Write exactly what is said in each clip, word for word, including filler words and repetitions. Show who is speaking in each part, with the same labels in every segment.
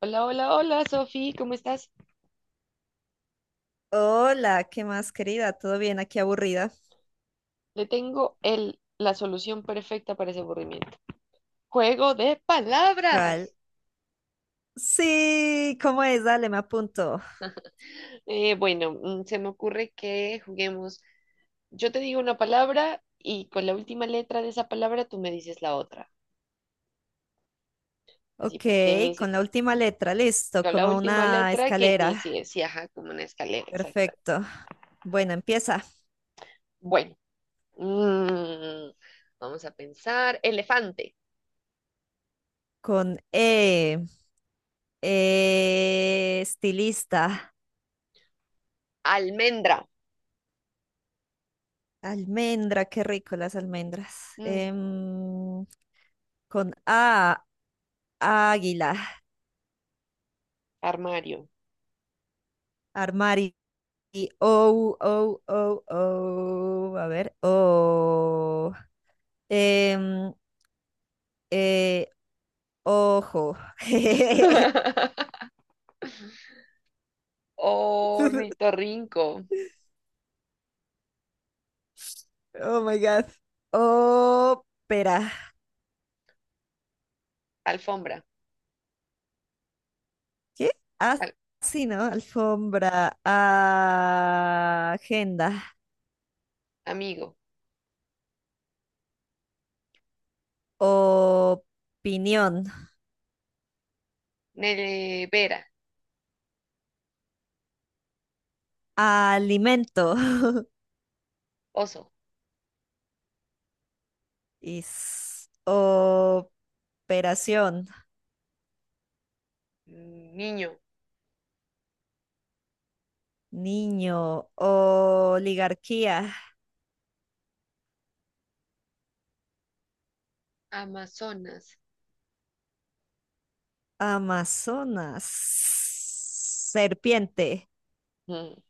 Speaker 1: Hola, hola, hola, Sofi, ¿cómo estás?
Speaker 2: Hola, ¿qué más, querida? ¿Todo bien? Aquí aburrida.
Speaker 1: Le tengo el, la solución perfecta para ese aburrimiento. Juego de
Speaker 2: ¿Cuál?
Speaker 1: palabras.
Speaker 2: Sí, ¿cómo es? Dale, me apunto.
Speaker 1: Eh, bueno, mm, Se me ocurre que juguemos. Yo te digo una palabra y con la última letra de esa palabra tú me dices la otra. Así
Speaker 2: Ok,
Speaker 1: pues, que inicie,
Speaker 2: con la última letra, listo,
Speaker 1: con la
Speaker 2: como
Speaker 1: última
Speaker 2: una
Speaker 1: letra que
Speaker 2: escalera.
Speaker 1: inicie, sí, ajá, como una escalera, exacta.
Speaker 2: Perfecto. Bueno, empieza
Speaker 1: Bueno, mm, vamos a pensar. Elefante,
Speaker 2: con E. E, estilista.
Speaker 1: almendra,
Speaker 2: Almendra, qué rico las almendras.
Speaker 1: mm,
Speaker 2: Em, con A, águila.
Speaker 1: armario.
Speaker 2: Armario. O, O, O, O. A ver, O. Em, eh, ojo.
Speaker 1: Ornitorrinco,
Speaker 2: Oh my God. Ópera.
Speaker 1: alfombra,
Speaker 2: ¿Qué? Ah,
Speaker 1: al-
Speaker 2: sí, ¿no? Alfombra. Ah, agenda.
Speaker 1: amigo,
Speaker 2: Opinión.
Speaker 1: nevera,
Speaker 2: Alimento.
Speaker 1: oso,
Speaker 2: Is. Operación.
Speaker 1: niño,
Speaker 2: Niño. Oligarquía.
Speaker 1: amazonas,
Speaker 2: Amazonas. Serpiente.
Speaker 1: mm,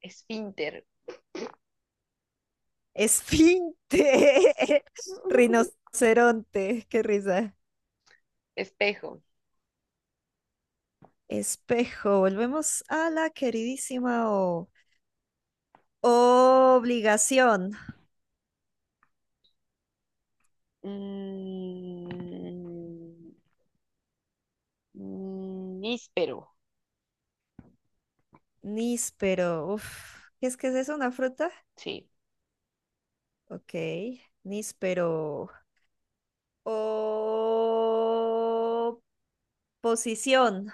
Speaker 1: esfínter,
Speaker 2: Esfinte, rinoceronte, qué risa.
Speaker 1: espejo,
Speaker 2: Espejo, volvemos a la queridísima O. Obligación,
Speaker 1: mm, mm, níspero,
Speaker 2: níspero, uf, ¿qué es que es eso? ¿Una fruta?
Speaker 1: sí,
Speaker 2: Ok, níspero. O... Posición.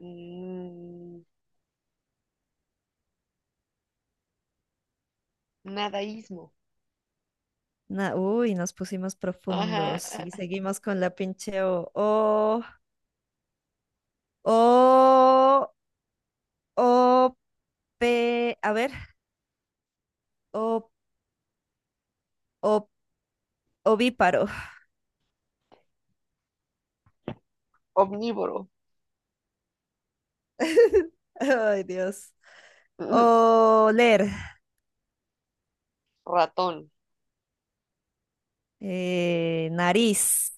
Speaker 1: mm, nadaísmo,
Speaker 2: Na- uy, nos pusimos
Speaker 1: ajá,
Speaker 2: profundos
Speaker 1: ah,
Speaker 2: y seguimos con la pinche O. O, O, O, P, a ver, O, ovíparo.
Speaker 1: omnívoro,
Speaker 2: Ay, Dios.
Speaker 1: ujú,
Speaker 2: Oler.
Speaker 1: ratón,
Speaker 2: eh, nariz.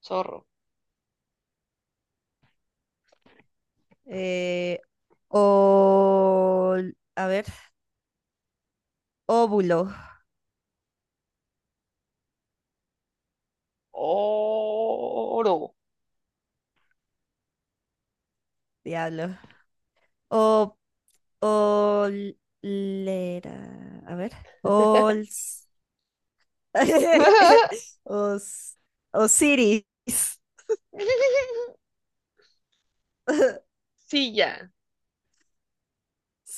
Speaker 1: zorro,
Speaker 2: eh, o, a ver, óvulo.
Speaker 1: oro.
Speaker 2: Diablo. O, olera. A ver. Ols. Os, Osiris.
Speaker 1: Silla,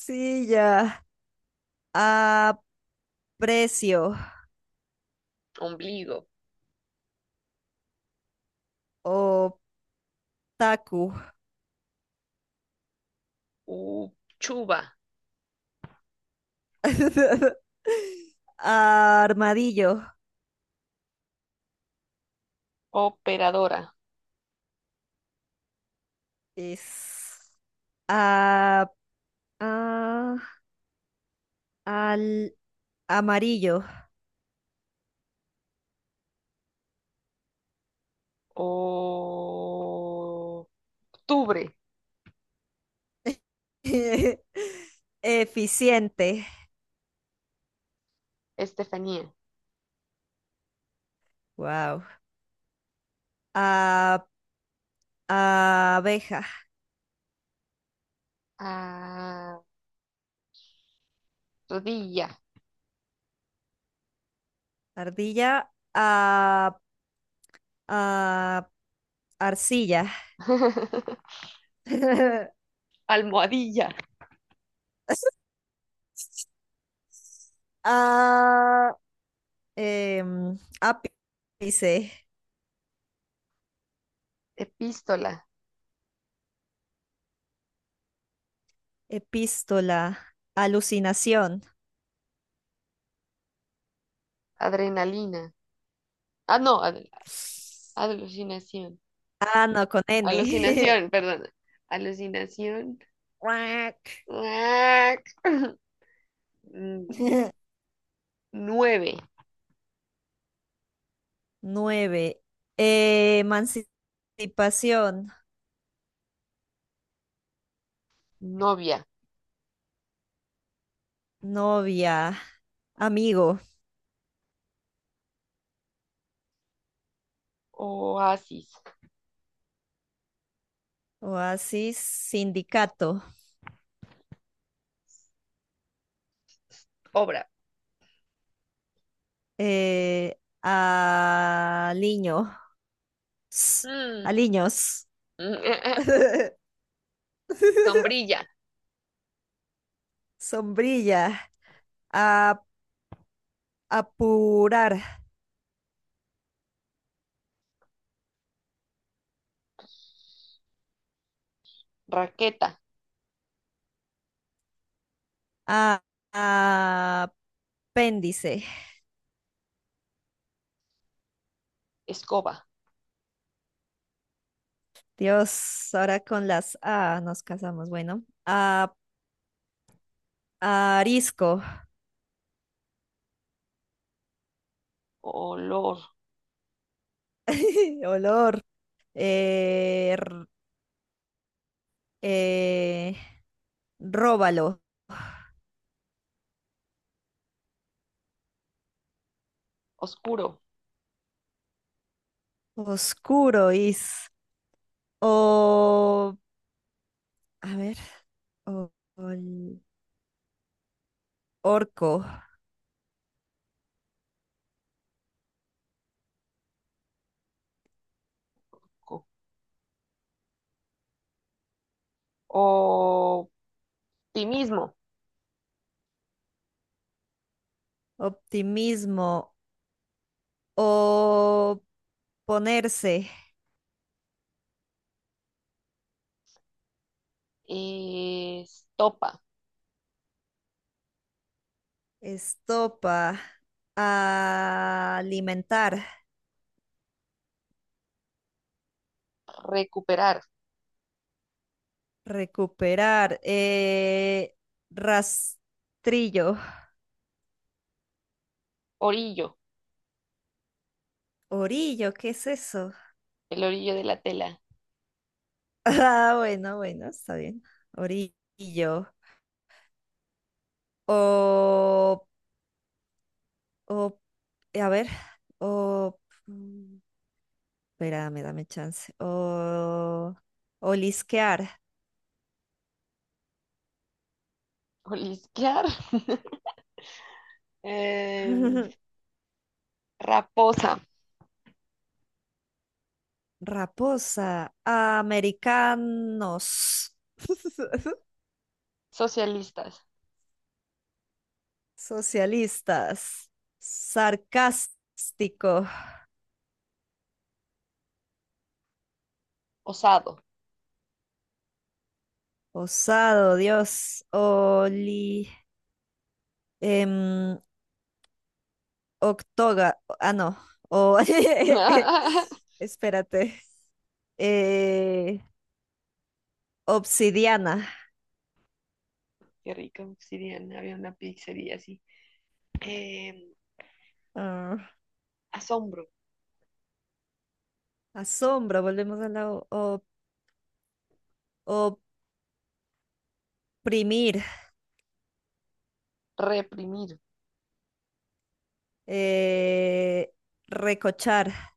Speaker 2: Silla. Aprecio.
Speaker 1: ombligo,
Speaker 2: Otaku.
Speaker 1: U, Chuba,
Speaker 2: Armadillo
Speaker 1: operadora,
Speaker 2: es a- a- al amarillo.
Speaker 1: o- octubre,
Speaker 2: Eficiente.
Speaker 1: Estefanía,
Speaker 2: Wow. A- abeja.
Speaker 1: ah, rodilla,
Speaker 2: Ardilla. A, a- arcilla.
Speaker 1: almohadilla,
Speaker 2: A- em, ápice.
Speaker 1: epístola,
Speaker 2: Epístola. Alucinación.
Speaker 1: adrenalina, ah, no, adre- alucinación,
Speaker 2: Ah, no, con N.
Speaker 1: alucinación, perdón, alucinación,
Speaker 2: Guac.
Speaker 1: guac. Mm, nueve,
Speaker 2: Nueve. Eh, emancipación,
Speaker 1: novia,
Speaker 2: novia, amigo,
Speaker 1: oasis,
Speaker 2: oasis, sindicato,
Speaker 1: obra,
Speaker 2: eh, aliño, s-
Speaker 1: mm.
Speaker 2: aliños,
Speaker 1: Sombrilla,
Speaker 2: sombrilla, a- apurar,
Speaker 1: raqueta,
Speaker 2: a- apéndice,
Speaker 1: escoba.
Speaker 2: Dios, ahora con las A nos casamos. Bueno, a, arisco,
Speaker 1: Olor,
Speaker 2: olor, eh, r- eh, róbalo,
Speaker 1: oscuro,
Speaker 2: oscuro, is, o, a ver, o- ol- orco,
Speaker 1: co- optimismo,
Speaker 2: optimismo, o ponerse,
Speaker 1: eh, estopa,
Speaker 2: estopa, alimentar.
Speaker 1: recuperar,
Speaker 2: Recuperar. eh, rastrillo.
Speaker 1: orillo,
Speaker 2: Orillo, ¿qué es eso?
Speaker 1: el orillo de la tela,
Speaker 2: Ah, bueno, bueno, está bien. Orillo. O, o, a ver, o, mm, espérame, dame chance. O, olisquear.
Speaker 1: olisquear, em, raposa,
Speaker 2: Raposa. Americanos.
Speaker 1: socialistas,
Speaker 2: Socialistas. Sarcástico.
Speaker 1: osado.
Speaker 2: Osado, Dios. Oli. em, octoga. Ah, no. O, espérate. eh, obsidiana.
Speaker 1: Qué rico, obsidiana, había una pizzería así. Em, asombro,
Speaker 2: Ah, asombro. Volvemos a la o- o- oprimir.
Speaker 1: reprimir,
Speaker 2: eh, recochar.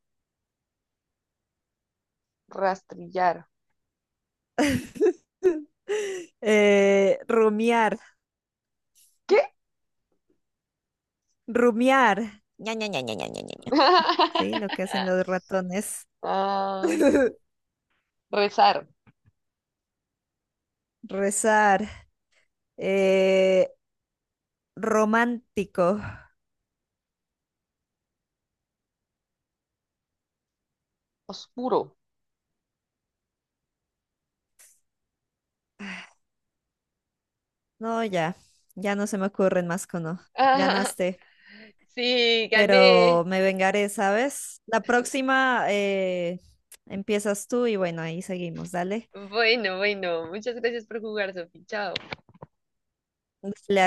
Speaker 1: rastrillar.
Speaker 2: eh, rumiar.
Speaker 1: ¿Qué?
Speaker 2: Rumiar. Sí, lo que hacen los ratones.
Speaker 1: Ah, rezar,
Speaker 2: Rezar. Eh, romántico.
Speaker 1: oscuro,
Speaker 2: No, ya, ya no se me ocurren más cono.
Speaker 1: ah,
Speaker 2: Ganaste,
Speaker 1: sí, gané.
Speaker 2: pero me vengaré, ¿sabes? La próxima eh, empiezas tú y bueno, ahí seguimos, dale.
Speaker 1: Bueno, bueno, muchas gracias por jugar, Sofi. Chao.
Speaker 2: Dale,